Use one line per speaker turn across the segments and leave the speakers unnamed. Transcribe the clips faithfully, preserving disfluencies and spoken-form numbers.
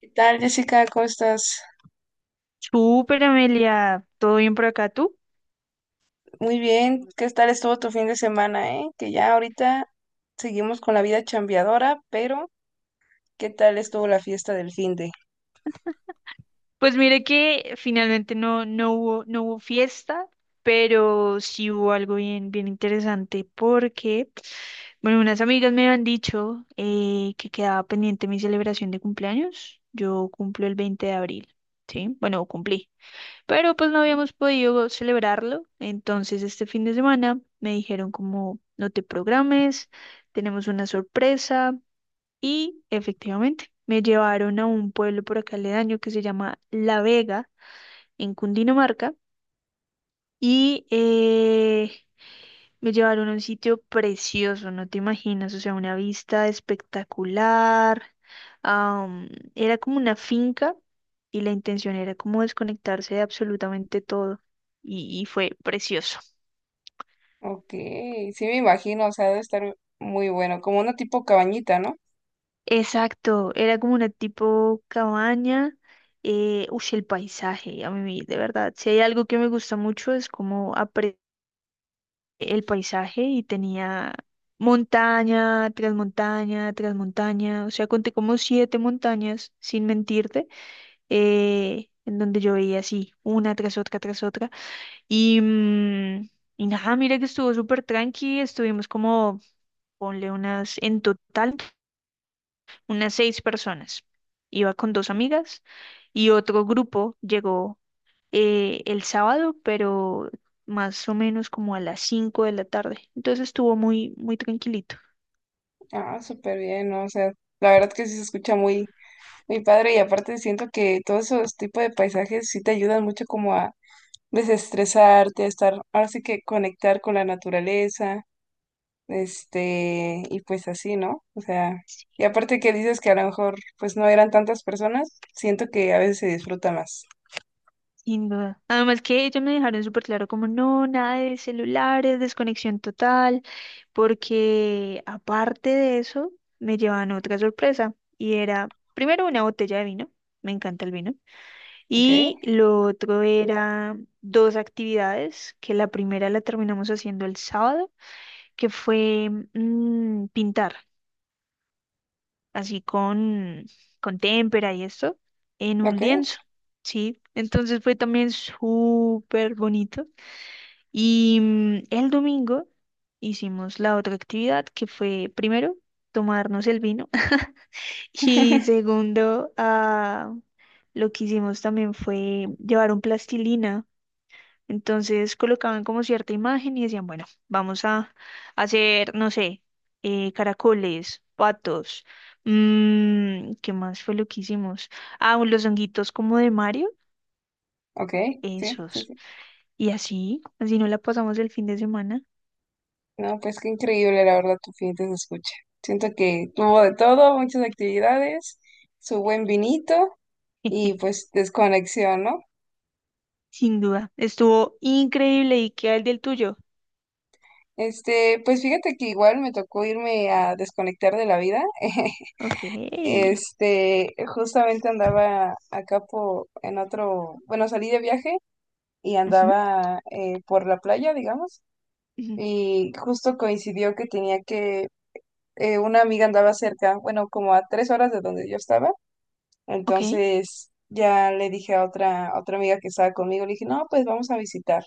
¿Qué tal, Jessica? ¿Cómo estás?
Súper, Amelia, ¿todo bien por acá tú?
Muy bien. ¿Qué tal estuvo tu fin de semana, eh? Que ya ahorita seguimos con la vida chambeadora, pero ¿qué tal estuvo la fiesta del fin de?
Pues mire que finalmente no, no hubo, no hubo fiesta, pero sí hubo algo bien, bien interesante porque, bueno, unas amigas me han dicho eh, que quedaba pendiente mi celebración de cumpleaños. Yo cumplo el veinte de abril, ¿sí? Bueno, cumplí, pero pues no habíamos podido celebrarlo, entonces este fin de semana me dijeron como, no te programes, tenemos una sorpresa. Y efectivamente, me llevaron a un pueblo por acá aledaño que se llama La Vega, en Cundinamarca, y eh, me llevaron a un sitio precioso, no te imaginas, o sea, una vista espectacular. am, Era como una finca y la intención era como desconectarse de absolutamente todo, y, y fue precioso.
Ok, sí me imagino, o sea, debe estar muy bueno, como una tipo cabañita, ¿no?
Exacto, era como una tipo cabaña. Eh, uy, el paisaje, a mí de verdad, si hay algo que me gusta mucho es como apre- el paisaje y tenía montaña tras montaña tras montaña, o sea, conté como siete montañas, sin mentirte, eh, en donde yo veía así, una tras otra tras otra. Y, mm, y nada, mira que estuvo súper tranqui, estuvimos como, ponle unas en total unas seis personas. Iba con dos amigas y otro grupo llegó eh, el sábado, pero más o menos como a las cinco de la tarde. Entonces estuvo muy, muy tranquilito.
Ah, súper bien, ¿no? O sea, la verdad que sí se escucha muy, muy padre, y aparte siento que todos esos tipos de paisajes sí te ayudan mucho como a desestresarte, a estar, ahora sí que conectar con la naturaleza. Este, y pues así, ¿no? O sea, y aparte que dices que a lo mejor pues no eran tantas personas, siento que a veces se disfruta más.
Sin duda. Además que ellos me dejaron súper claro como no, nada de celulares, desconexión total, porque aparte de eso me llevaban otra sorpresa y era primero una botella de vino, me encanta el vino,
¿Ok?
y lo otro era dos actividades, que la primera la terminamos haciendo el sábado, que fue mm, pintar, así con, con témpera y esto, en un
¿Ok?
lienzo, ¿sí? Entonces fue también súper bonito. Y mm, el domingo hicimos la otra actividad, que fue primero tomarnos el vino y segundo, ah, lo que hicimos también fue llevar un plastilina. Entonces colocaban como cierta imagen y decían, bueno, vamos a hacer, no sé, eh, caracoles, patos, mm, ¿qué más fue lo que hicimos? Ah, los honguitos como de Mario,
¿Ok? Sí, sí,
esos.
sí.
Y así, así no la pasamos el fin de semana.
No, pues qué increíble, la verdad, tu fin se escucha. Siento que tuvo de todo, muchas actividades, su buen vinito y pues desconexión, ¿no?
Sin duda, estuvo increíble. ¿Y qué el del tuyo?
Este, pues fíjate que igual me tocó irme a desconectar de la vida.
Ok.
Este, justamente andaba acá por, en otro, bueno, salí de viaje y
Ujú,
andaba eh, por la playa, digamos,
ujú.
y justo coincidió que tenía que, eh, una amiga andaba cerca, bueno, como a tres horas de donde yo estaba,
Ok.
entonces ya le dije a otra, a otra amiga que estaba conmigo, le dije, no, pues vamos a visitarla,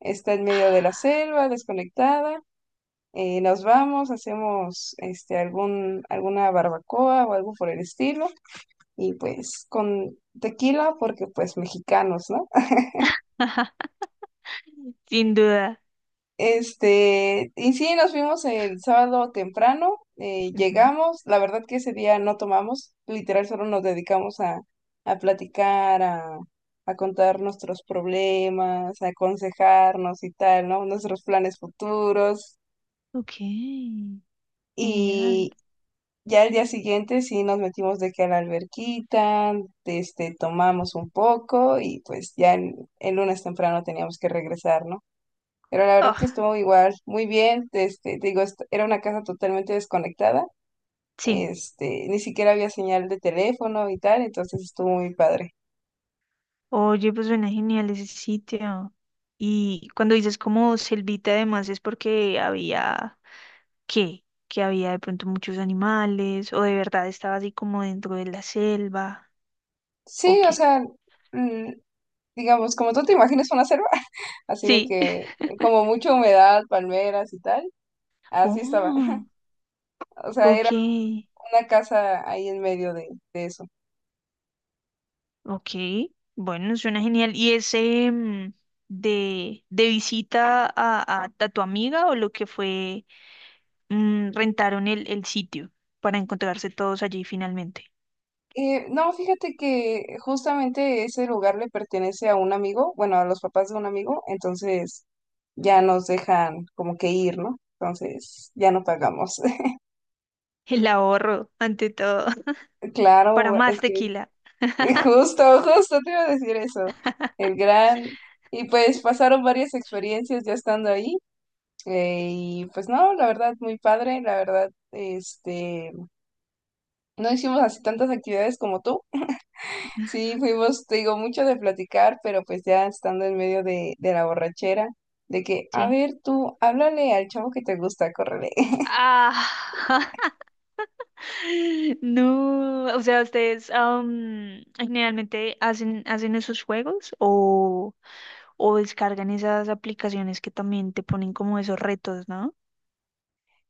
está en medio de la selva, desconectada, eh, nos vamos, hacemos, este, algún, alguna barbacoa o algo por el estilo, y pues con tequila porque pues mexicanos, ¿no?
Ajá, sin duda.
Este, y sí, nos fuimos el sábado temprano, eh,
Ujú.
llegamos, la verdad que ese día no tomamos, literal solo nos dedicamos a, a platicar, a, a contar nuestros problemas, a aconsejarnos y tal, ¿no? Nuestros planes futuros.
Ok. Genial.
Y ya el día siguiente sí nos metimos de que a la alberquita, este, tomamos un poco y pues ya el, el lunes temprano teníamos que regresar, ¿no? Pero la verdad que
Oh,
estuvo igual, muy bien, este, te digo, est- era una casa totalmente desconectada,
sí.
este, ni siquiera había señal de teléfono y tal, entonces estuvo muy padre.
Oye, pues suena genial ese sitio. Y cuando dices como selvita, además es porque había, ¿qué? Que había de pronto muchos animales, o de verdad estaba así como dentro de la selva, ¿o
Sí, o
qué?
sea, mm, digamos, como tú te imaginas una selva, así de
Sí.
que como mucha humedad, palmeras y tal, así estaba.
Oh,
O sea,
ok.
era una casa ahí en medio de de eso.
Ok, bueno, suena genial. ¿Y ese mm, de, de visita a, a, a tu amiga o lo que fue mm, rentaron el, el sitio para encontrarse todos allí finalmente?
Eh, no, fíjate que justamente ese lugar le pertenece a un amigo, bueno, a los papás de un amigo, entonces ya nos dejan como que ir, ¿no? Entonces ya no pagamos.
El ahorro, ante todo, para
Claro,
más
es que
tequila.
justo, justo te iba a decir eso, el gran... Y pues pasaron varias experiencias ya estando ahí, eh, y pues no, la verdad, muy padre, la verdad, este, no hicimos así tantas actividades como tú. Sí, fuimos, te digo, mucho de platicar, pero pues ya estando en medio de, de la borrachera, de que, a
Sí.
ver, tú, háblale al chavo que te gusta, córrele.
Ah, No, o sea, ustedes am, generalmente hacen, hacen esos juegos o, o descargan esas aplicaciones que también te ponen como esos retos, ¿no?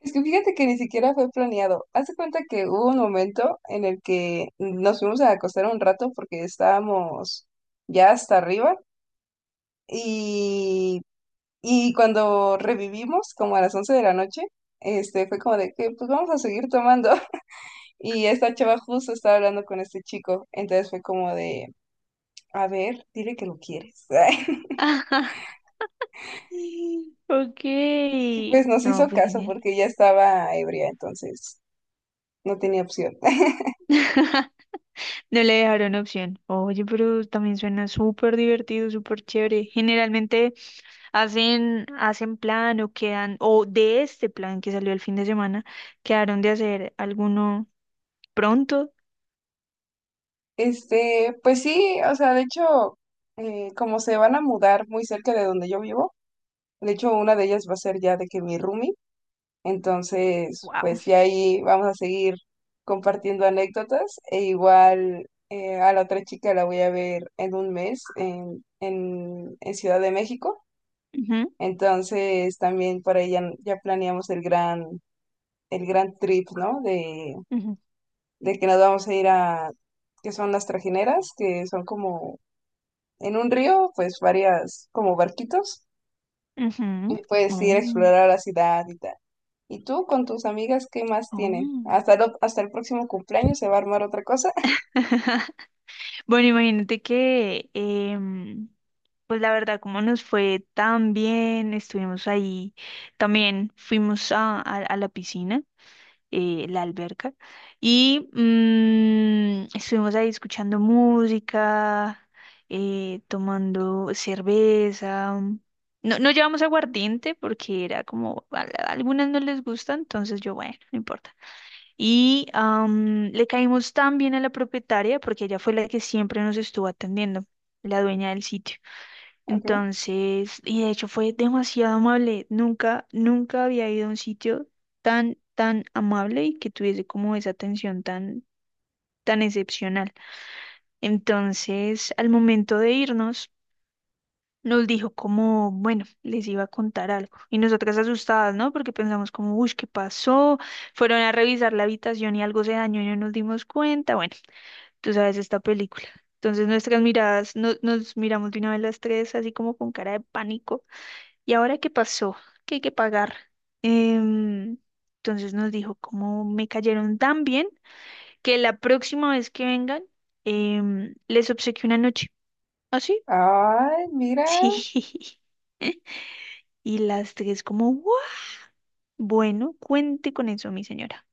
Es que fíjate que ni siquiera fue planeado. Haz de cuenta que hubo un momento en el que nos fuimos a acostar un rato porque estábamos ya hasta arriba, y, y cuando revivimos, como a las once de la noche, este, fue como de que, pues vamos a seguir tomando. Y esta chava justo estaba hablando con este chico, entonces fue como de, a ver, dile que lo quieres.
Ajá. Ok.
Y pues nos
No,
hizo
pues
caso
genial.
porque ya estaba ebria, entonces no tenía opción.
No le dejaron opción. Oye, pero también suena súper divertido, súper chévere. Generalmente hacen, hacen plan o quedan, o de este plan que salió el fin de semana, quedaron de hacer alguno pronto.
Este, pues sí, o sea, de hecho, eh, como se van a mudar muy cerca de donde yo vivo, de hecho una de ellas va a ser ya de que mi roomie, entonces
Wow.
pues ya ahí vamos a seguir compartiendo anécdotas, e igual eh, a la otra chica la voy a ver en un mes en, en, en Ciudad de México. Entonces también por ahí ya, ya planeamos el gran, el gran trip, ¿no? De,
Ujú,
de que nos vamos a ir a, que son las trajineras, que son como en un río, pues varias, como barquitos, y
ujú.
puedes ir a
Oh,
explorar la ciudad y tal. ¿Y tú con tus amigas qué más tienen?
oh.
¿Hasta, lo- hasta el próximo cumpleaños se va a armar otra cosa?
Bueno, imagínate que, em, pues la verdad, como nos fue tan bien, estuvimos ahí, también fuimos a, a- a la piscina, eh, la alberca, y mm, estuvimos ahí escuchando música, eh, tomando cerveza. No, no llevamos aguardiente porque era como, a, a algunas no les gusta, entonces yo, bueno, no importa. Y am, le caímos tan bien a la propietaria porque ella fue la que siempre nos estuvo atendiendo, la dueña del sitio.
Ok.
Entonces, y de hecho fue demasiado amable. Nunca, nunca había ido a un sitio tan, tan amable y que tuviese como esa atención tan, tan excepcional. Entonces, al momento de irnos, nos dijo como, bueno, les iba a contar algo. Y nosotras asustadas, ¿no? Porque pensamos como, uy, ¿qué pasó? Fueron a revisar la habitación y algo se dañó y no nos dimos cuenta. Bueno, tú sabes, esta película. Entonces nuestras miradas, no- nos miramos de una vez las tres, así como con cara de pánico. ¿Y ahora qué pasó? ¿Qué hay que pagar? Em, entonces nos dijo, como me cayeron tan bien, que la próxima vez que vengan, em, les obsequio una noche. ¿Así?
Ay, mira.
Sí. Y las tres como, "¿What?". Bueno, cuente con eso, mi señora.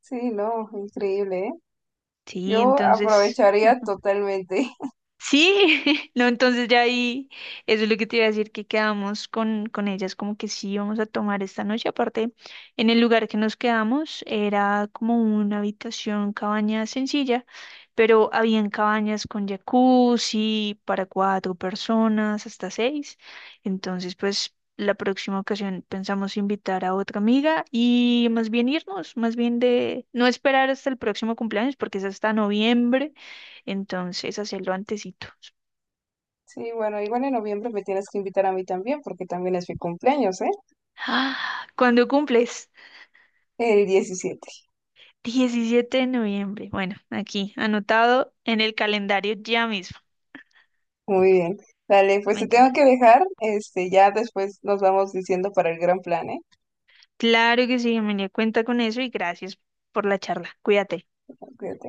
Sí, no, increíble, ¿eh?
Sí,
Yo
entonces...
aprovecharía totalmente.
Sí, no, entonces ya ahí, eso es lo que te iba a decir, que quedamos con, con, ellas, como que sí vamos a tomar esta noche. Aparte, en el lugar que nos quedamos era como una habitación, cabaña sencilla, pero habían cabañas con jacuzzi para cuatro personas, hasta seis. Entonces, pues la próxima ocasión pensamos invitar a otra amiga y más bien irnos, más bien de no esperar hasta el próximo cumpleaños, porque es hasta noviembre. Entonces, hacerlo antesito.
Sí, bueno, igual en noviembre me tienes que invitar a mí también, porque también es mi cumpleaños, ¿eh?
¡Ah! ¿Cuándo cumples?
El diecisiete.
Diecisiete de noviembre. Bueno, aquí, anotado en el calendario ya mismo.
Muy bien. Dale, pues
Me
te tengo
encanta.
que dejar. Este, ya después nos vamos diciendo para el gran plan, ¿eh?
Claro que sí, Emilia, cuenta con eso y gracias por la charla. Cuídate.
Cuídate.